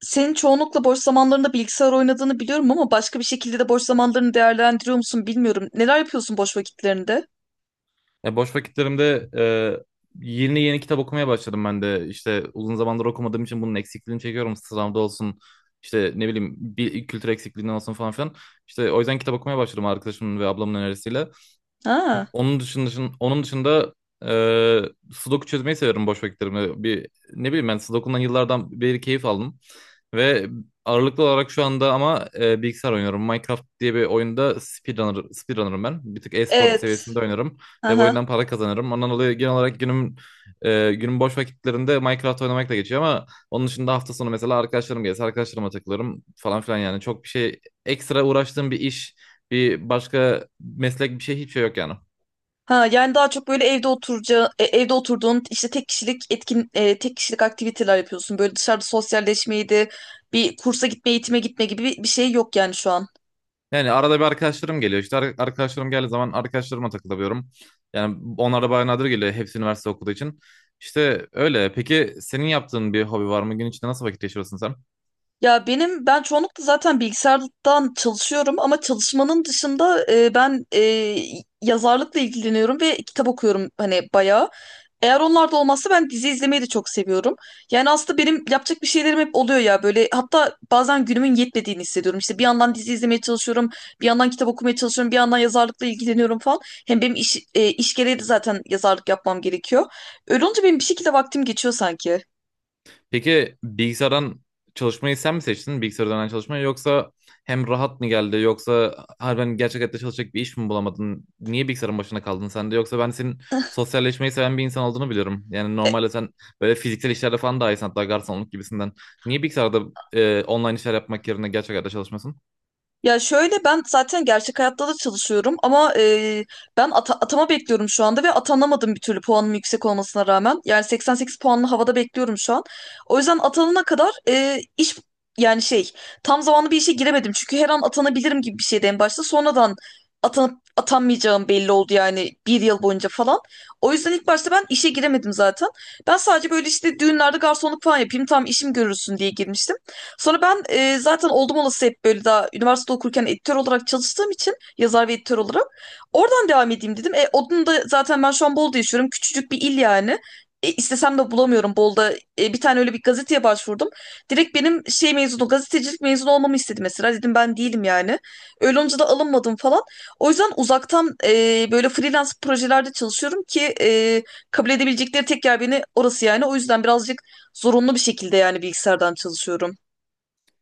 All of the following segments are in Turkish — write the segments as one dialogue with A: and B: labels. A: Senin çoğunlukla boş zamanlarında bilgisayar oynadığını biliyorum ama başka bir şekilde de boş zamanlarını değerlendiriyor musun bilmiyorum. Neler yapıyorsun boş vakitlerinde?
B: Ya boş vakitlerimde yeni yeni kitap okumaya başladım ben de. İşte uzun zamandır okumadığım için bunun eksikliğini çekiyorum. Sıramda olsun işte ne bileyim bir kültür eksikliğinden olsun falan filan. İşte o yüzden kitap okumaya başladım arkadaşımın ve ablamın önerisiyle.
A: Ha,
B: Onun dışında sudoku çözmeyi severim boş vakitlerimde. Bir, ne bileyim ben sudokundan yıllardan beri keyif aldım. Ve ağırlıklı olarak şu anda ama bilgisayar oynuyorum. Minecraft diye bir oyunda speedrunner'ım ben. Bir tık e-spor
A: evet.
B: seviyesinde oynarım ve bu
A: Aha.
B: oyundan para kazanırım. Ondan dolayı genel olarak günüm boş vakitlerinde Minecraft oynamakla geçiyor ama onun dışında hafta sonu mesela arkadaşlarım gelse arkadaşlarıma takılırım falan filan yani çok bir şey ekstra uğraştığım bir iş, bir başka meslek bir şey hiçbir şey yok yani.
A: Ha, yani daha çok böyle evde evde oturduğun işte tek kişilik aktiviteler yapıyorsun. Böyle dışarıda sosyalleşmeyi de bir kursa gitme, eğitime gitme gibi bir şey yok yani şu an.
B: Yani arada bir arkadaşlarım geliyor. İşte arkadaşlarım geldiği zaman arkadaşlarıma takılıyorum. Yani onlar da bayağı nadir geliyor. Hepsi üniversite okuduğu için. İşte öyle. Peki senin yaptığın bir hobi var mı? Gün içinde nasıl vakit geçiriyorsun sen?
A: Ya ben çoğunlukla zaten bilgisayardan çalışıyorum ama çalışmanın dışında yazarlıkla ilgileniyorum ve kitap okuyorum hani bayağı. Eğer onlar da olmazsa ben dizi izlemeyi de çok seviyorum. Yani aslında benim yapacak bir şeylerim hep oluyor ya böyle, hatta bazen günümün yetmediğini hissediyorum. İşte bir yandan dizi izlemeye çalışıyorum, bir yandan kitap okumaya çalışıyorum, bir yandan yazarlıkla ilgileniyorum falan. Hem benim iş gereği de zaten yazarlık yapmam gerekiyor. Öyle olunca benim bir şekilde vaktim geçiyor sanki.
B: Peki bilgisayardan çalışmayı sen mi seçtin? Bilgisayar üzerinden çalışmayı yoksa hem rahat mı geldi yoksa harbiden gerçek hayatta çalışacak bir iş mi bulamadın? Niye bilgisayarın başına kaldın sen de? Yoksa ben senin sosyalleşmeyi seven bir insan olduğunu biliyorum. Yani
A: E,
B: normalde sen böyle fiziksel işlerde falan daha iyisin hatta garsonluk gibisinden. Niye bilgisayarda online işler yapmak yerine gerçek hayatta çalışmasın?
A: Ya şöyle, ben zaten gerçek hayatta da çalışıyorum ama ben atama bekliyorum şu anda ve atanamadım bir türlü, puanım yüksek olmasına rağmen. Yani 88 puanlı havada bekliyorum şu an. O yüzden atanana kadar e, iş yani şey, tam zamanlı bir işe giremedim. Çünkü her an atanabilirim gibi bir şeydi en başta. Sonradan atanıp atanmayacağım belli oldu yani, bir yıl boyunca falan. O yüzden ilk başta ben işe giremedim zaten. Ben sadece böyle işte düğünlerde garsonluk falan yapayım, tam işim görürsün diye girmiştim. Sonra ben zaten oldum olası hep böyle, daha üniversite okurken editör olarak çalıştığım için, yazar ve editör olarak oradan devam edeyim dedim. Onun da zaten, ben şu an Bolu'da yaşıyorum. Küçücük bir il yani. İstesem de bulamıyorum Bolu'da. Bir tane öyle bir gazeteye başvurdum. Direkt benim şey mezunu, gazetecilik mezunu olmamı istedi mesela. Dedim ben değilim yani. Öyle olunca da alınmadım falan. O yüzden uzaktan böyle freelance projelerde çalışıyorum ki kabul edebilecekleri tek yer beni, orası yani. O yüzden birazcık zorunlu bir şekilde yani bilgisayardan çalışıyorum.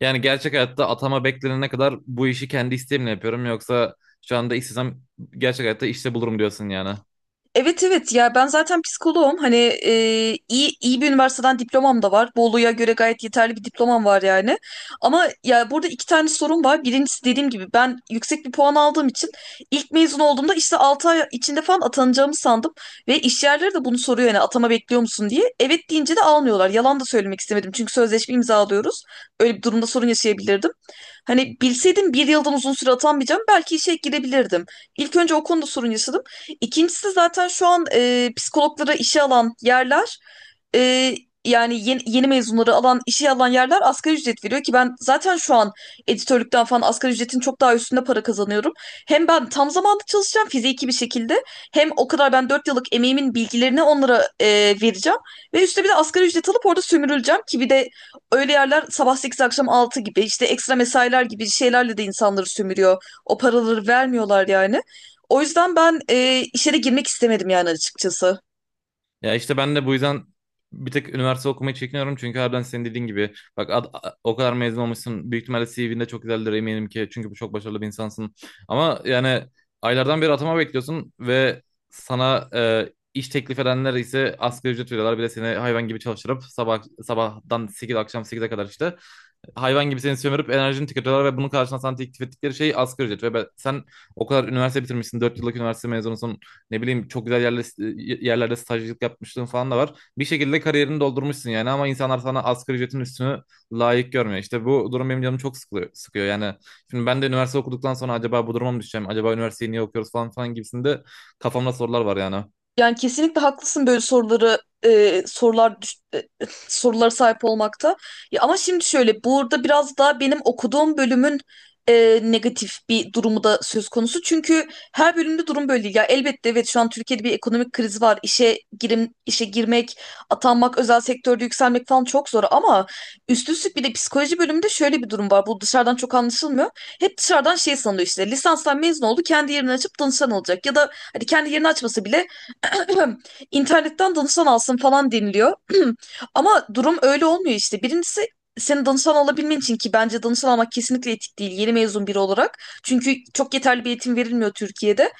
B: Yani gerçek hayatta atama beklenene kadar bu işi kendi isteğimle yapıyorum yoksa şu anda istesem gerçek hayatta işte bulurum diyorsun yani.
A: Evet, evet, ya ben zaten psikoloğum hani, e, iyi iyi bir üniversiteden diplomam da var. Bolu'ya göre gayet yeterli bir diplomam var yani. Ama ya burada iki tane sorun var. Birincisi, dediğim gibi, ben yüksek bir puan aldığım için ilk mezun olduğumda işte 6 ay içinde falan atanacağımı sandım. Ve iş yerleri de bunu soruyor yani, atama bekliyor musun diye. Evet deyince de almıyorlar. Yalan da söylemek istemedim çünkü sözleşme imzalıyoruz. Öyle bir durumda sorun yaşayabilirdim. Hani bilseydim bir yıldan uzun süre atanmayacağım, belki işe girebilirdim. İlk önce o konuda sorun yaşadım. İkincisi, zaten şu an psikologlara işe alan yerler, e, yani yeni mezunları alan, işe alan yerler asgari ücret veriyor ki ben zaten şu an editörlükten falan asgari ücretin çok daha üstünde para kazanıyorum. Hem ben tam zamanlı çalışacağım fiziki bir şekilde, hem o kadar ben 4 yıllık emeğimin bilgilerini onlara vereceğim ve üstüne bir de asgari ücret alıp orada sömürüleceğim ki bir de öyle yerler sabah 8 akşam 6 gibi işte ekstra mesailer gibi şeylerle de insanları sömürüyor. O paraları vermiyorlar yani. O yüzden ben işe de girmek istemedim yani, açıkçası.
B: Ya işte ben de bu yüzden bir tek üniversite okumayı çekiniyorum. Çünkü harbiden senin dediğin gibi bak o kadar mezun olmuşsun. Büyük ihtimalle CV'nde çok güzeldir eminim ki. Çünkü bu çok başarılı bir insansın. Ama yani aylardan beri atama bekliyorsun ve sana iş teklif edenler ise asgari ücret veriyorlar. Bir de seni hayvan gibi çalıştırıp sabah sabahtan 8 akşam sekize kadar işte hayvan gibi seni sömürüp enerjini tüketiyorlar ve bunun karşılığında sana teklif ettikleri şey asgari ücret. Sen o kadar üniversite bitirmişsin, 4 yıllık üniversite mezunusun, ne bileyim çok güzel yerlerde, yerlerde stajyerlik yapmışlığın falan da var. Bir şekilde kariyerini doldurmuşsun yani ama insanlar sana asgari ücretin üstünü layık görmüyor. İşte bu durum benim canımı çok sıkılıyor, sıkıyor yani. Şimdi ben de üniversite okuduktan sonra acaba bu duruma mı düşeceğim, acaba üniversiteyi niye okuyoruz falan falan gibisinde kafamda sorular var yani.
A: Yani kesinlikle haklısın böyle soruları e, sorular düş- e, sorulara sahip olmakta. Ya ama şimdi şöyle, burada biraz daha benim okuduğum bölümün negatif bir durumu da söz konusu. Çünkü her bölümde durum böyle değil. Ya elbette, evet, şu an Türkiye'de bir ekonomik kriz var. İşe girmek, atanmak, özel sektörde yükselmek falan çok zor, ama üst üstlük bir de psikoloji bölümünde şöyle bir durum var. Bu dışarıdan çok anlaşılmıyor. Hep dışarıdan şey sanılıyor, işte lisanstan mezun oldu, kendi yerini açıp danışan olacak ya da hadi kendi yerini açmasa bile internetten danışan alsın falan deniliyor. Ama durum öyle olmuyor işte. Birincisi, senin danışan alabilmen için, ki bence danışan almak kesinlikle etik değil yeni mezun biri olarak. Çünkü çok yeterli bir eğitim verilmiyor Türkiye'de.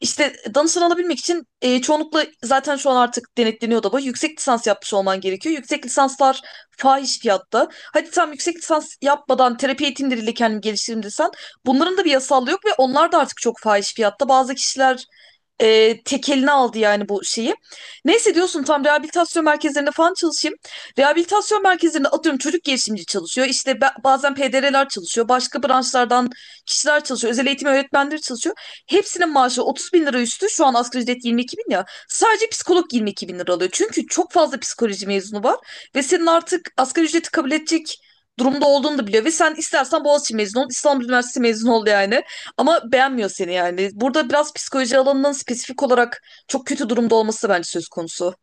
A: İşte danışan alabilmek için çoğunlukla zaten şu an artık denetleniyor da bu. Yüksek lisans yapmış olman gerekiyor. Yüksek lisanslar fahiş fiyatta. Hadi tam yüksek lisans yapmadan terapi eğitimleriyle kendimi geliştiririm desen, bunların da bir yasallığı yok ve onlar da artık çok fahiş fiyatta. Bazı kişiler tek eline aldı yani bu şeyi. Neyse diyorsun, tam rehabilitasyon merkezlerinde falan çalışayım. Rehabilitasyon merkezlerinde atıyorum çocuk girişimci çalışıyor. İşte bazen PDR'ler çalışıyor. Başka branşlardan kişiler çalışıyor. Özel eğitim öğretmenleri çalışıyor. Hepsinin maaşı 30 bin lira üstü. Şu an asgari ücret 22 bin ya. Sadece psikolog 22 bin lira alıyor. Çünkü çok fazla psikoloji mezunu var. Ve senin artık asgari ücreti kabul edecek durumda olduğunu da biliyor. Ve sen istersen Boğaziçi mezunu ol, İstanbul Üniversitesi mezunu ol yani. Ama beğenmiyor seni yani. Burada biraz psikoloji alanının spesifik olarak çok kötü durumda olması da bence söz konusu.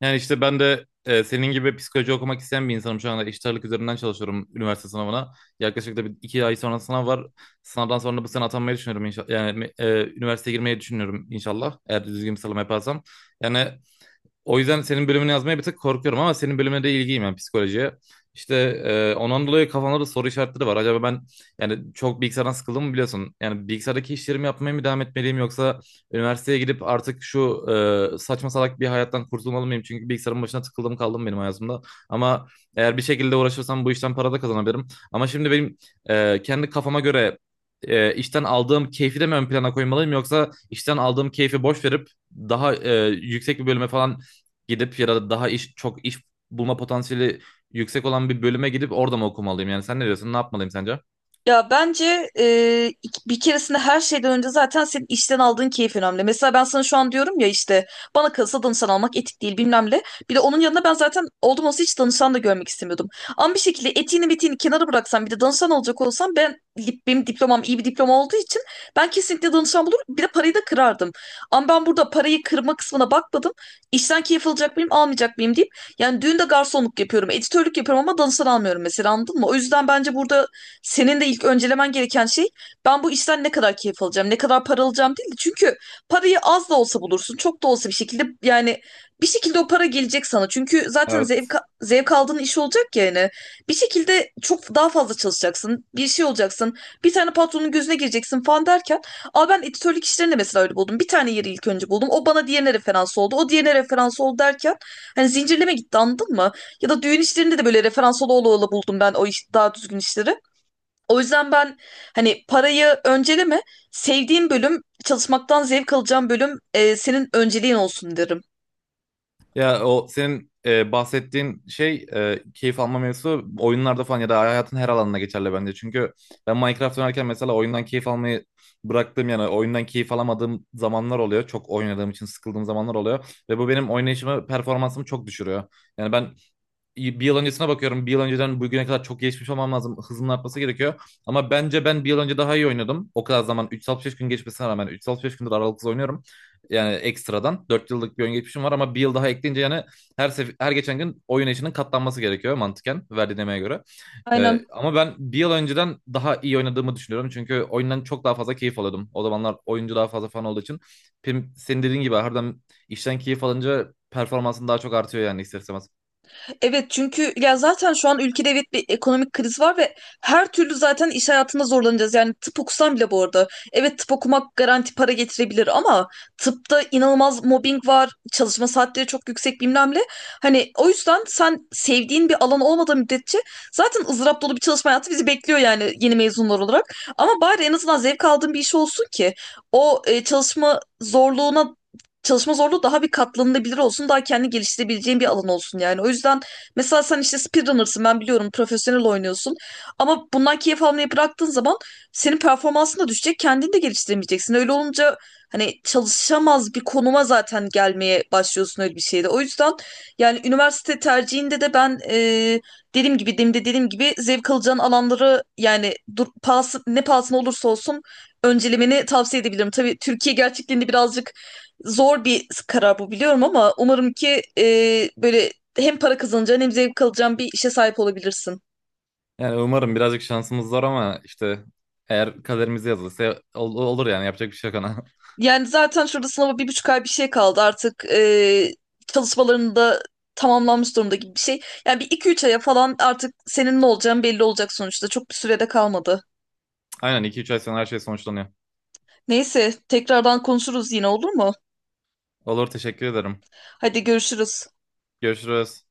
B: Yani işte ben de senin gibi psikoloji okumak isteyen bir insanım. Şu anda eşit ağırlık üzerinden çalışıyorum üniversite sınavına. Yaklaşık da bir iki ay sonra sınav var. Sınavdan sonra da bu sene atanmayı düşünüyorum inşallah. Yani üniversiteye girmeyi düşünüyorum inşallah. Eğer düzgün bir sınav yaparsam. Yani o yüzden senin bölümünü yazmaya bir tık korkuyorum ama senin bölümüne de ilgiyim yani psikolojiye. İşte ondan dolayı kafamda da soru işaretleri var. Acaba ben yani çok bilgisayardan sıkıldım mı biliyorsun? Yani bilgisayardaki işlerimi yapmaya mı devam etmeliyim yoksa üniversiteye gidip artık şu saçma salak bir hayattan kurtulmalı mıyım? Çünkü bilgisayarın başına tıkıldım kaldım benim hayatımda. Ama eğer bir şekilde uğraşırsam bu işten para da kazanabilirim. Ama şimdi benim kendi kafama göre işten aldığım keyfi de mi ön plana koymalıyım yoksa işten aldığım keyfi boş verip daha yüksek bir bölüme falan gidip ya da daha iş çok iş bulma potansiyeli yüksek olan bir bölüme gidip orada mı okumalıyım? Yani sen ne diyorsun? Ne yapmalıyım sence?
A: Ya bence, bir keresinde, her şeyden önce zaten senin işten aldığın keyif önemli. Mesela ben sana şu an diyorum ya işte, bana kalırsa danışan almak etik değil, bilmem ne. Bir de onun yanına ben zaten oldum olsa hiç danışan da görmek istemiyordum. Ama bir şekilde etiğini bitiğini kenara bıraksam, bir de danışan olacak olsam, ben benim diplomam iyi bir diploma olduğu için ben kesinlikle danışan bulurum. Bir de parayı da kırardım. Ama ben burada parayı kırma kısmına bakmadım. İşten keyif alacak mıyım almayacak mıyım deyip, yani düğünde garsonluk yapıyorum, editörlük yapıyorum, ama danışan almıyorum mesela, anladın mı? O yüzden bence burada senin de ilk öncelemen gereken şey, ben bu işten ne kadar keyif alacağım, ne kadar para alacağım değil de, çünkü parayı az da olsa bulursun, çok da olsa, bir şekilde yani, bir şekilde o para gelecek sana. Çünkü zaten
B: Evet.
A: zevk aldığın iş olacak ya yani. Bir şekilde çok daha fazla çalışacaksın, bir şey olacaksın. Bir tane patronun gözüne gireceksin falan derken, aa, ben editörlük işlerini mesela öyle buldum. Bir tane yeri ilk önce buldum. O bana diğerine referans oldu. O diğerine referans oldu derken, hani zincirleme gitti, anladın mı? Ya da düğün işlerinde de böyle referans ola ola ola buldum ben daha düzgün işleri. O yüzden ben hani parayı önceleme, sevdiğin bölüm, çalışmaktan zevk alacağın bölüm senin önceliğin olsun derim.
B: Ya o senin bahsettiğin şey keyif alma mevzusu oyunlarda falan ya da hayatın her alanına geçerli bence. Çünkü ben Minecraft oynarken mesela oyundan keyif almayı bıraktığım yani oyundan keyif alamadığım zamanlar oluyor. Çok oynadığım için sıkıldığım zamanlar oluyor. Ve bu benim oynayışımı, performansımı çok düşürüyor. Yani ben bir yıl öncesine bakıyorum. Bir yıl önceden bugüne kadar çok gelişmiş olmam lazım. Hızımın artması gerekiyor. Ama bence ben bir yıl önce daha iyi oynadım. O kadar zaman 365 gün geçmesine rağmen 365 gündür aralıksız oynuyorum. Yani ekstradan 4 yıllık bir oyun geçmişim var ama bir yıl daha ekleyince yani her geçen gün oyun eşinin katlanması gerekiyor mantıken verdiğin emeğe göre.
A: Aynen.
B: Ama ben bir yıl önceden daha iyi oynadığımı düşünüyorum. Çünkü oyundan çok daha fazla keyif alıyordum. O zamanlar oyuncu daha fazla fan olduğu için. Senin dediğin gibi harbiden işten keyif alınca performansın daha çok artıyor yani ister istemez.
A: Evet, çünkü ya zaten şu an ülkede, evet, bir ekonomik kriz var ve her türlü zaten iş hayatında zorlanacağız. Yani tıp okusan bile, bu arada. Evet, tıp okumak garanti para getirebilir ama tıpta inanılmaz mobbing var. Çalışma saatleri çok yüksek, bilmem ne. Hani o yüzden sen sevdiğin bir alan olmadığı müddetçe zaten ızdırap dolu bir çalışma hayatı bizi bekliyor yani yeni mezunlar olarak. Ama bari en azından zevk aldığın bir iş olsun ki o e, çalışma zorluğuna çalışma zorluğu daha bir katlanılabilir olsun, daha kendi geliştirebileceğin bir alan olsun yani. O yüzden mesela sen işte speedrunner'sın, ben biliyorum, profesyonel oynuyorsun. Ama bundan keyif almayı bıraktığın zaman senin performansın da düşecek, kendini de geliştiremeyeceksin. Öyle olunca hani çalışamaz bir konuma zaten gelmeye başlıyorsun öyle bir şeyde. O yüzden yani üniversite tercihinde de ben, dediğim gibi, demin de dediğim gibi, zevk alacağın alanları yani, dur, ne pahasına olursa olsun öncelemeni tavsiye edebilirim. Tabii Türkiye gerçekliğinde birazcık zor bir karar bu, biliyorum, ama umarım ki böyle hem para kazanacağın hem zevk alacağın bir işe sahip olabilirsin.
B: Yani umarım birazcık şansımız var ama işte eğer kaderimize yazılırsa olur yani yapacak bir şey yok ona.
A: Yani zaten şurada sınava 1,5 ay bir şey kaldı artık, çalışmaların da tamamlanmış durumda gibi bir şey. Yani bir iki üç aya falan artık senin ne olacağın belli olacak sonuçta. Çok bir sürede kalmadı.
B: Aynen iki üç ay sonra her şey sonuçlanıyor.
A: Neyse, tekrardan konuşuruz yine, olur mu?
B: Olur teşekkür ederim.
A: Hadi, görüşürüz.
B: Görüşürüz.